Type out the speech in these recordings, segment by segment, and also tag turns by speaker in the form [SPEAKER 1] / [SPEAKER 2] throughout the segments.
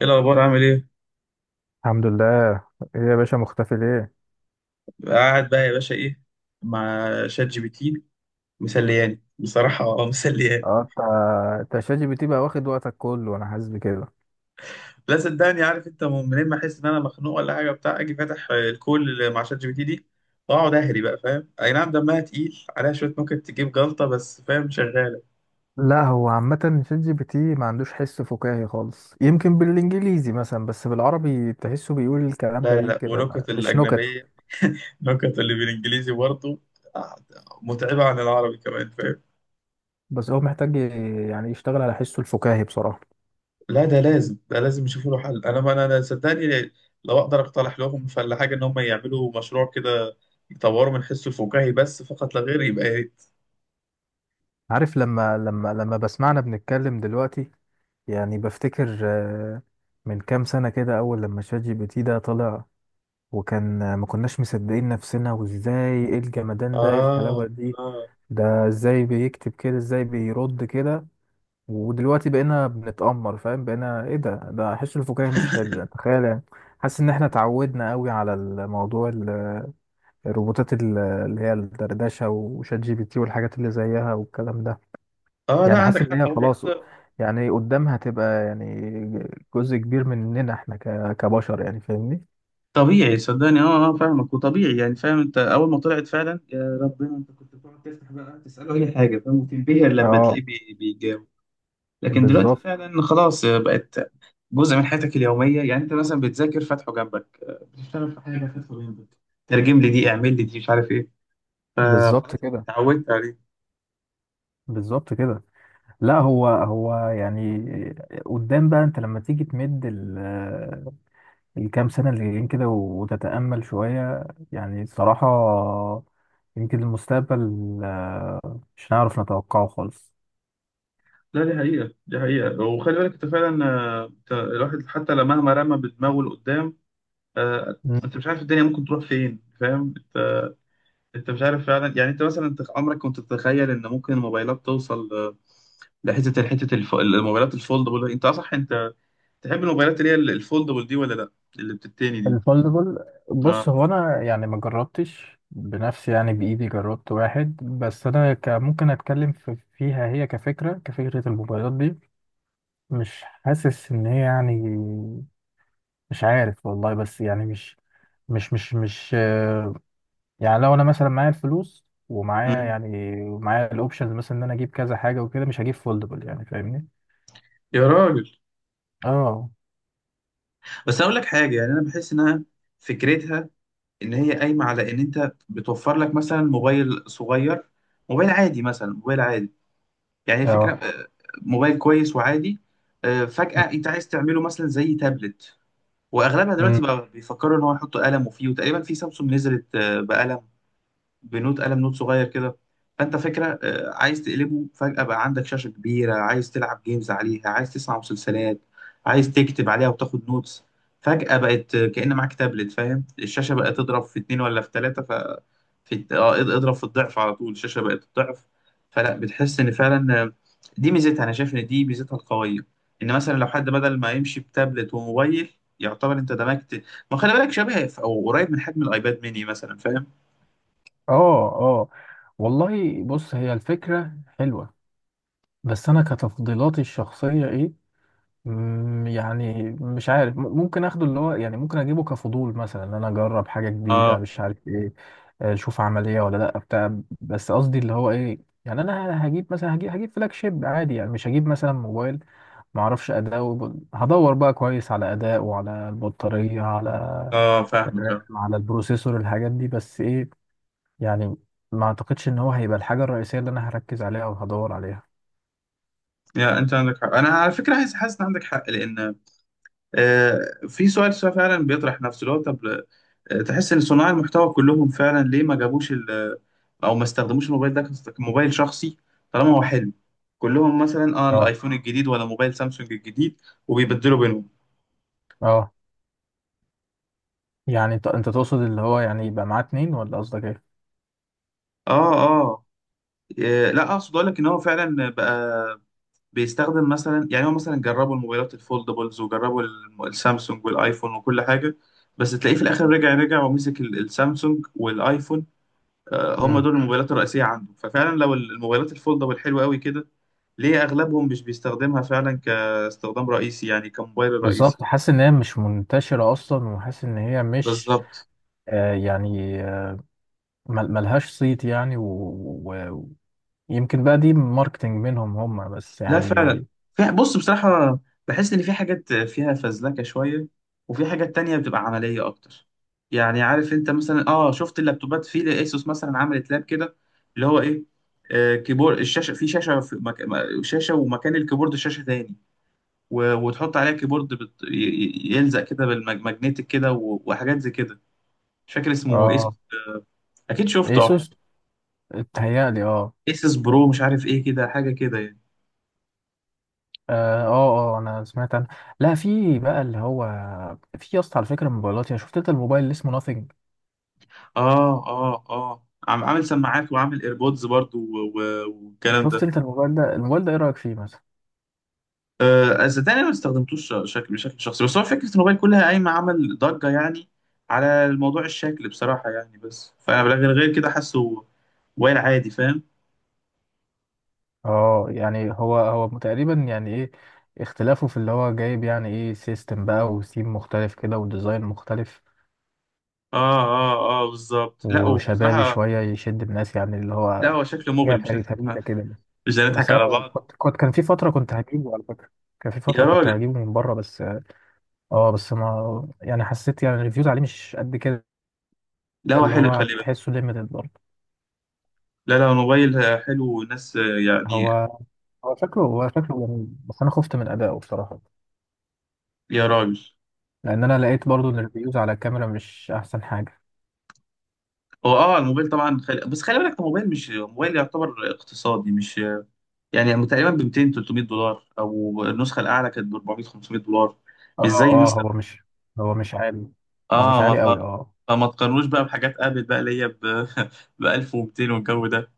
[SPEAKER 1] ايه الاخبار؟ عامل ايه؟
[SPEAKER 2] الحمد لله. ايه يا باشا مختفي ليه؟
[SPEAKER 1] قاعد بقى يا باشا، ايه، مع شات جي بي تي. مسلياني بصراحه. اه، مسلياني.
[SPEAKER 2] اه انت، شات جي بي تي بقى واخد وقتك كله، انا حاسس بكده.
[SPEAKER 1] لا، صدقني عارف انت منين، ما احس ان انا مخنوق ولا حاجه، بتاع اجي فاتح الكول اللي مع شات جي بي تي دي، واقعد اهري بقى، فاهم؟ اي نعم، دمها تقيل، عليها شويه نكت تجيب جلطه، بس فاهم، شغاله.
[SPEAKER 2] لا، هو عامة شات جي بي تي ما عندوش حس فكاهي خالص، يمكن بالانجليزي مثلا، بس بالعربي تحسه بيقول الكلام
[SPEAKER 1] لا لا
[SPEAKER 2] غريب
[SPEAKER 1] لا،
[SPEAKER 2] كده،
[SPEAKER 1] ونكت
[SPEAKER 2] مش نكت.
[SPEAKER 1] الاجنبيه، نكت اللي بالانجليزي برضه. آه، متعبه عن العربي كمان، فاهم.
[SPEAKER 2] بس هو محتاج يعني يشتغل على حسه الفكاهي بصراحة.
[SPEAKER 1] لا ده لازم، ده لازم يشوفوا له حل، انا ما انا أنا صدقني، لو اقدر اقترح لهم فلا حاجه ان هم يعملوا مشروع كده، يطوروا من حسه الفكاهي بس فقط لا غير، يبقى يا ريت.
[SPEAKER 2] عارف لما لما بسمعنا بنتكلم دلوقتي، يعني بفتكر من كام سنة كده أول لما شات جي بي تي ده طلع، وكان ما كناش مصدقين نفسنا، وازاي ايه الجمدان ده، ايه الحلاوة
[SPEAKER 1] اه،
[SPEAKER 2] دي،
[SPEAKER 1] اه،
[SPEAKER 2] ده ازاي بيكتب كده، ازاي بيرد كده. ودلوقتي بقينا بنتأمر، فاهم، بقينا ايه ده حس الفكاهي مش حلو يعني، تخيل يعني. حاسس ان احنا اتعودنا قوي على الموضوع الروبوتات اللي هي الدردشة وشات جي بي تي والحاجات اللي زيها والكلام ده.
[SPEAKER 1] اه، لا
[SPEAKER 2] يعني
[SPEAKER 1] عندك
[SPEAKER 2] حاسس ان هي
[SPEAKER 1] حق. هو
[SPEAKER 2] خلاص
[SPEAKER 1] بس.
[SPEAKER 2] يعني قدامها تبقى يعني جزء كبير مننا احنا كبشر يعني، فاهمني.
[SPEAKER 1] طبيعي صدقني. اه، اه، فاهمك وطبيعي يعني، فاهم، انت اول ما طلعت فعلا يا ربنا، انت كنت بتقعد تفتح بقى تساله اي حاجه، فاهم، وتنبهر لما
[SPEAKER 2] اه،
[SPEAKER 1] تلاقيه بيجاوب. لكن دلوقتي
[SPEAKER 2] بالظبط.
[SPEAKER 1] فعلا خلاص، بقت جزء من حياتك اليومية، يعني أنت مثلا بتذاكر فاتحه جنبك، بتشتغل في حاجة فاتحه جنبك، ترجم لي دي، اعمل لي دي، مش عارف إيه.
[SPEAKER 2] بالظبط
[SPEAKER 1] خلاص،
[SPEAKER 2] كده.
[SPEAKER 1] اتعودت عليه.
[SPEAKER 2] بالظبط كده. لا، هو يعني قدام بقى، انت لما تيجي تمد الكام سنة اللي جايين كده وتتأمل شوية، يعني صراحة يمكن المستقبل مش هنعرف نتوقعه خالص.
[SPEAKER 1] لا دي حقيقة، دي حقيقة، وخلي بالك أنت فعلا، أنت الواحد حتى لو مهما رمى بدماغه لقدام،
[SPEAKER 2] مم.
[SPEAKER 1] أنت مش عارف الدنيا ممكن تروح فين، فاهم أنت؟ أنت مش عارف فعلا، يعني أنت مثلا أنت عمرك كنت تتخيل إن ممكن الموبايلات توصل، الموبايلات الفولدبل، أنت صح؟ أنت تحب الموبايلات اللي هي الفولدبل دي ولا لأ؟ اللي بتتاني دي.
[SPEAKER 2] الفولدبل. بص،
[SPEAKER 1] اه.
[SPEAKER 2] هو انا يعني ما جربتش بنفسي، يعني بايدي جربت واحد بس، انا ممكن اتكلم فيها، هي كفكره، الموبايلات دي مش حاسس ان هي يعني، مش عارف والله، بس يعني مش يعني لو انا مثلا معايا الفلوس ومعايا
[SPEAKER 1] مم.
[SPEAKER 2] يعني، معايا الاوبشنز مثلا، ان انا اجيب كذا حاجه وكده، مش هجيب فولدبل يعني، فاهمني.
[SPEAKER 1] يا راجل،
[SPEAKER 2] اه،
[SPEAKER 1] بس اقول لك حاجه يعني، انا بحس انها، فكرتها ان هي قايمه على ان انت بتوفر لك مثلا موبايل صغير، موبايل عادي، مثلا موبايل عادي. يعني هي فكره،
[SPEAKER 2] اه.
[SPEAKER 1] موبايل كويس وعادي، فجاه انت عايز تعمله مثلا زي تابلت، واغلبها
[SPEAKER 2] أمم.
[SPEAKER 1] دلوقتي بقى بيفكروا ان هو يحطوا قلم وفيه، وتقريبا في سامسونج نزلت بقلم، بنوت قلم، نوت صغير كده. فانت فكره، عايز تقلبه، فجاه بقى عندك شاشه كبيره، عايز تلعب جيمز عليها، عايز تسمع مسلسلات، عايز تكتب عليها وتاخد نوتس، فجاه بقت كأن معاك تابلت، فاهم، الشاشه بقت تضرب في اتنين ولا في تلاته، ف في اه اض- اضرب في الضعف على طول، الشاشه بقت الضعف، فلا بتحس ان فعلا، دي ميزتها، انا شايف ان دي ميزتها القويه، ان مثلا لو حد بدل ما يمشي بتابلت وموبايل، يعتبر انت دمجت، ما خلي بالك شبه او قريب من حجم الايباد ميني مثلا، فاهم.
[SPEAKER 2] اه، اه. والله بص، هي الفكرة حلوة، بس أنا كتفضيلاتي الشخصية إيه؟ يعني مش عارف، ممكن اخده اللي هو يعني، ممكن اجيبه كفضول مثلا، ان انا اجرب حاجه جديده مش عارف ايه، اشوف عمليه ولا لا بتاع. بس قصدي اللي هو ايه، يعني انا هجيب مثلا، هجيب فلاج شيب عادي يعني، مش هجيب مثلا موبايل ما اعرفش اداء هدور بقى كويس على اداء وعلى البطاريه، على
[SPEAKER 1] اه، فاهمك.
[SPEAKER 2] الرام،
[SPEAKER 1] اه.
[SPEAKER 2] على البروسيسور، الحاجات دي، بس ايه، يعني ما اعتقدش ان هو هيبقى الحاجه الرئيسيه اللي انا هركز عليها او هدور عليها.
[SPEAKER 1] يا انت عندك حق، انا على فكره عايز، حاسس ان عندك حق، لان آه في سؤال فعلا بيطرح نفسه، اللي هو طب، تحس ان صناع المحتوى كلهم فعلا ليه ما جابوش او ما استخدموش الموبايل ده كموبايل شخصي، طالما هو حلو، كلهم مثلا
[SPEAKER 2] اه،
[SPEAKER 1] الايفون الجديد ولا موبايل سامسونج الجديد، وبيبدلوا بينهم.
[SPEAKER 2] اه. يعني انت تقصد اللي هو يعني يبقى معاه اتنين، ولا قصدك ايه؟
[SPEAKER 1] اه، اه، لا اقصد اقول لك ان هو فعلا بقى بيستخدم مثلا، يعني هو مثلا جربوا الموبايلات الفولدبلز وجربوا السامسونج والايفون وكل حاجه، بس تلاقيه في الاخر رجع رجع ومسك السامسونج والايفون، هم
[SPEAKER 2] امم.
[SPEAKER 1] دول الموبايلات الرئيسيه عنده، ففعلا لو الموبايلات الفولدبل حلوه قوي كده، ليه اغلبهم مش بيستخدمها فعلا كاستخدام رئيسي يعني، كموبايل رئيسي.
[SPEAKER 2] بالظبط، حاسس ان هي مش منتشرة اصلا، وحاسس ان هي مش
[SPEAKER 1] بالظبط،
[SPEAKER 2] يعني ملهاش صيت يعني، و- ويمكن بقى دي ماركتينج منهم هم بس
[SPEAKER 1] لا
[SPEAKER 2] يعني.
[SPEAKER 1] فعلا، في بص بصراحة، بحس إن في حاجات فيها فزلكة شوية، وفي حاجات تانية بتبقى عملية أكتر، يعني عارف أنت مثلا، شفت اللابتوبات في لأسوس مثلا عملت لاب كده، اللي هو إيه، كيبورد الشاشة في شاشة في شاشة ومكان الكيبورد شاشة تاني، و... وتحط عليها كيبورد يلزق كده بالماجنتيك كده، و... وحاجات زي كده، مش فاكر اسمه إيه، اسمه
[SPEAKER 2] اه،
[SPEAKER 1] أكيد شفته أو حاجة.
[SPEAKER 2] ايسوس. اتهيألي اه.
[SPEAKER 1] اسس برو مش عارف إيه كده، حاجة كده يعني.
[SPEAKER 2] اه، اه، انا سمعت عنه. لا، في بقى اللي هو، في يا اسطى على فكرة موبايلات، يعني شفت انت الموبايل اللي اسمه ناثينج؟
[SPEAKER 1] اه، اه، اه، عم عامل سماعات وعامل ايربودز برضو، و- و- والكلام ده.
[SPEAKER 2] شفت انت الموبايل ده؟ الموبايل ده ايه رأيك فيه مثلا؟
[SPEAKER 1] صدقني أنا ما استخدمتوش شكل بشكل شخصي، بس هو فكره الموبايل كلها قايمه عمل ضجه يعني على الموضوع، الشكل بصراحه يعني، بس فانا غير كده حاسه، موبايل عادي فاهم.
[SPEAKER 2] اه، يعني هو تقريبا يعني ايه، اختلافه في اللي هو جايب، يعني ايه، سيستم بقى وثيم مختلف كده، وديزاين مختلف
[SPEAKER 1] اه، اه، اه، بالظبط. لا
[SPEAKER 2] وشبابي
[SPEAKER 1] وبصراحه،
[SPEAKER 2] شوية يشد الناس يعني، اللي
[SPEAKER 1] لا
[SPEAKER 2] هو
[SPEAKER 1] هو شكله
[SPEAKER 2] حاجة
[SPEAKER 1] مغري،
[SPEAKER 2] فريدة كده.
[SPEAKER 1] مش
[SPEAKER 2] بس
[SPEAKER 1] هنضحك
[SPEAKER 2] انا
[SPEAKER 1] على بعض.
[SPEAKER 2] كنت، كان في فترة كنت هجيبه على فكرة، كان في
[SPEAKER 1] يا
[SPEAKER 2] فترة كنت
[SPEAKER 1] راجل،
[SPEAKER 2] هجيبه من بره بس. اه، بس ما يعني حسيت يعني الريفيوز عليه مش قد كده،
[SPEAKER 1] لا هو
[SPEAKER 2] اللي
[SPEAKER 1] حلو
[SPEAKER 2] هو
[SPEAKER 1] خلي بالك،
[SPEAKER 2] هتحسه ليميتد برضه.
[SPEAKER 1] لا لا الموبايل حلو والناس
[SPEAKER 2] هو
[SPEAKER 1] يعني.
[SPEAKER 2] هو شكله جميل، بس انا خفت من ادائه بصراحة،
[SPEAKER 1] يا راجل،
[SPEAKER 2] لان انا لقيت برضه ان الريفيوز على الكاميرا مش احسن حاجة.
[SPEAKER 1] هو الموبايل طبعا بس خلي بالك الموبايل مش موبايل يعتبر اقتصادي، مش يعني، تقريبا ب 200 300 دولار، او النسخه الاعلى كانت ب 400 500 دولار،
[SPEAKER 2] اه،
[SPEAKER 1] مش زي
[SPEAKER 2] اه.
[SPEAKER 1] مثلا.
[SPEAKER 2] هو مش عالي، هو مش
[SPEAKER 1] اه ما
[SPEAKER 2] عالي قوي،
[SPEAKER 1] ف...
[SPEAKER 2] اه.
[SPEAKER 1] فما تقارنوش بقى بحاجات ابل بقى اللي هي ب ب 1200 والجو ده،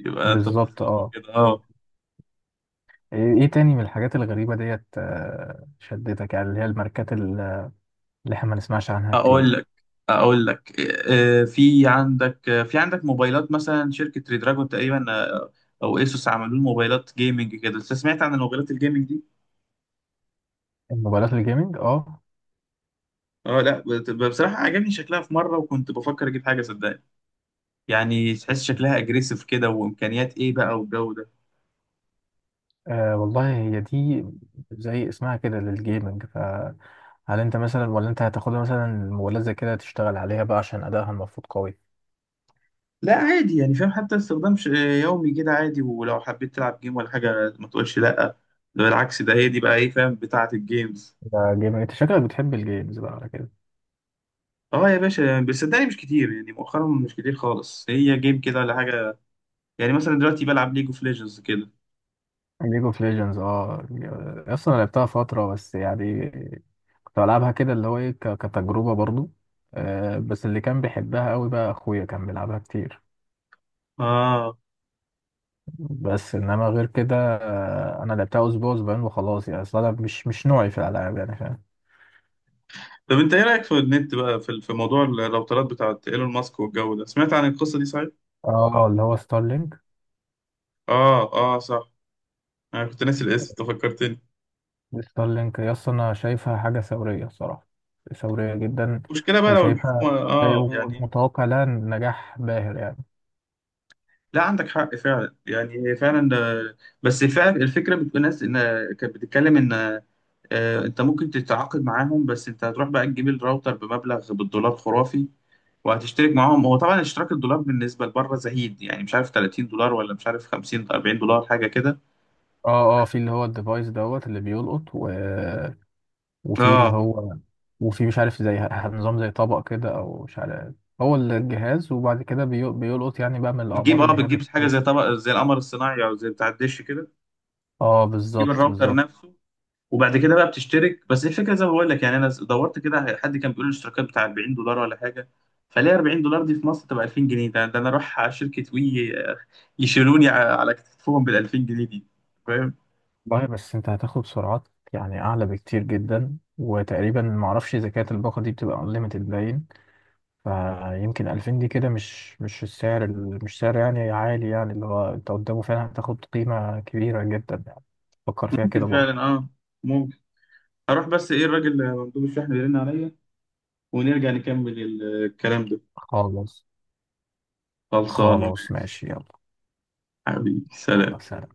[SPEAKER 1] يبقى انت
[SPEAKER 2] بالظبط،
[SPEAKER 1] بتظلمه
[SPEAKER 2] اه.
[SPEAKER 1] كده.
[SPEAKER 2] ايه
[SPEAKER 1] اه،
[SPEAKER 2] تاني من الحاجات الغريبة ديت شدتك يعني، اللي هي الماركات اللي احنا ما نسمعش عنها
[SPEAKER 1] اقول
[SPEAKER 2] كتير.
[SPEAKER 1] لك اقول لك في عندك موبايلات مثلا شركه ريدراجون تقريبا، او ايسوس عملوا موبايلات جيمنج كده، انت سمعت عن الموبايلات الجيمنج؟
[SPEAKER 2] الموبايلات الجيمنج، اه.
[SPEAKER 1] اه، لا بصراحة عجبني شكلها في مرة، وكنت بفكر اجيب حاجة صدقني، يعني تحس شكلها اجريسيف كده، وامكانيات ايه بقى والجو ده.
[SPEAKER 2] والله هي دي زي اسمها كده للجيمنج، فهل انت مثلا، ولا انت هتاخدها مثلا الموبايلات زي كده تشتغل عليها بقى عشان ادائها المفروض قوي؟
[SPEAKER 1] لا عادي يعني، فاهم، حتى استخدام يومي كده عادي، ولو حبيت تلعب جيم ولا حاجة ما تقولش لا، ده بالعكس، ده هي دي بقى ايه، فاهم، بتاعة الجيمز.
[SPEAKER 2] ده جيمنج، انت شكلك بتحب الجيمز بقى على كده.
[SPEAKER 1] اه يا باشا يعني، بس صدقني مش كتير يعني مؤخرا، مش كتير خالص هي جيم كده ولا حاجة، يعني مثلا دلوقتي بلعب ليج اوف ليجندز كده.
[SPEAKER 2] ليج اوف ليجندز، اه. اصلا أنا لعبتها فترة بس يعني، كنت بلعبها كده اللي هو ايه كتجربة برضو. بس اللي كان بيحبها قوي بقى اخويا، كان بيلعبها كتير.
[SPEAKER 1] اه.
[SPEAKER 2] بس انما غير كده، انا لعبتها اسبوع اسبوعين وخلاص يعني، اصلا أنا مش نوعي في الالعاب يعني، فاهم.
[SPEAKER 1] طب انت ايه رأيك في النت بقى، في موضوع الراوترات بتاعت ايلون ماسك والجو ده، سمعت عن القصة دي صحيح؟
[SPEAKER 2] اه، اللي هو ستارلينك.
[SPEAKER 1] اه، اه صح، انا كنت ناسي الاسم أنت فكرتني.
[SPEAKER 2] ستارلينك يا اسطى، انا شايفها حاجة ثورية الصراحة، ثورية جدا.
[SPEAKER 1] المشكله بقى لو
[SPEAKER 2] وشايفها،
[SPEAKER 1] الحكومه
[SPEAKER 2] شايف
[SPEAKER 1] يعني.
[SPEAKER 2] متوقع لها نجاح باهر يعني.
[SPEAKER 1] لا عندك حق فعلا يعني، هي فعلا بس فعلا الفكره بتقول ناس ان، كانت بتتكلم ان انت ممكن تتعاقد معاهم، بس انت هتروح بقى تجيب الراوتر بمبلغ بالدولار خرافي، وهتشترك معاهم، هو طبعا اشتراك الدولار بالنسبه لبره زهيد، يعني مش عارف 30 دولار، ولا مش عارف 50 40 دولار، حاجه كده.
[SPEAKER 2] اه، اه، في اللي هو الديفايس دوت اللي بيلقط، وفي اللي
[SPEAKER 1] اه،
[SPEAKER 2] هو، وفي مش عارف زي نظام زي طبق كده او مش عارف، هو الجهاز، وبعد كده بيلقط يعني بقى من
[SPEAKER 1] بتجيب،
[SPEAKER 2] الاعمار
[SPEAKER 1] اه
[SPEAKER 2] اللي هي
[SPEAKER 1] بتجيب حاجه زي
[SPEAKER 2] بتجس.
[SPEAKER 1] طبق، زي القمر الصناعي، او زي بتاع الدش كده،
[SPEAKER 2] اه،
[SPEAKER 1] تجيب
[SPEAKER 2] بالظبط،
[SPEAKER 1] الراوتر
[SPEAKER 2] بالظبط.
[SPEAKER 1] نفسه، وبعد كده بقى بتشترك، بس الفكره زي ما بقول لك يعني، انا دورت كده، حد كان بيقول الاشتراكات بتاع 40 دولار ولا حاجه، فليه 40 دولار دي في مصر تبقى 2000 جنيه، ده انا اروح على شركه وي، يشيلوني على كتفهم بال 2000 جنيه دي، فاهم.
[SPEAKER 2] والله بس انت هتاخد سرعات يعني اعلى بكتير جدا، وتقريبا معرفش اذا كانت الباقه دي بتبقى انليمتد باين. فيمكن 2000 دي كده مش مش السعر مش سعر يعني عالي يعني، اللي هو انت قدامه فعلا هتاخد قيمه كبيره جدا يعني. فكر فيها
[SPEAKER 1] ممكن
[SPEAKER 2] كده برضه.
[SPEAKER 1] فعلا، ممكن، اروح بس ايه الراجل مندوب الشحن بيرن عليا، ونرجع نكمل الكلام ده.
[SPEAKER 2] خلاص.
[SPEAKER 1] خلصان
[SPEAKER 2] خلاص
[SPEAKER 1] ماشي.
[SPEAKER 2] ماشي، يلا.
[SPEAKER 1] حبيبي
[SPEAKER 2] الله،
[SPEAKER 1] سلام.
[SPEAKER 2] سلام.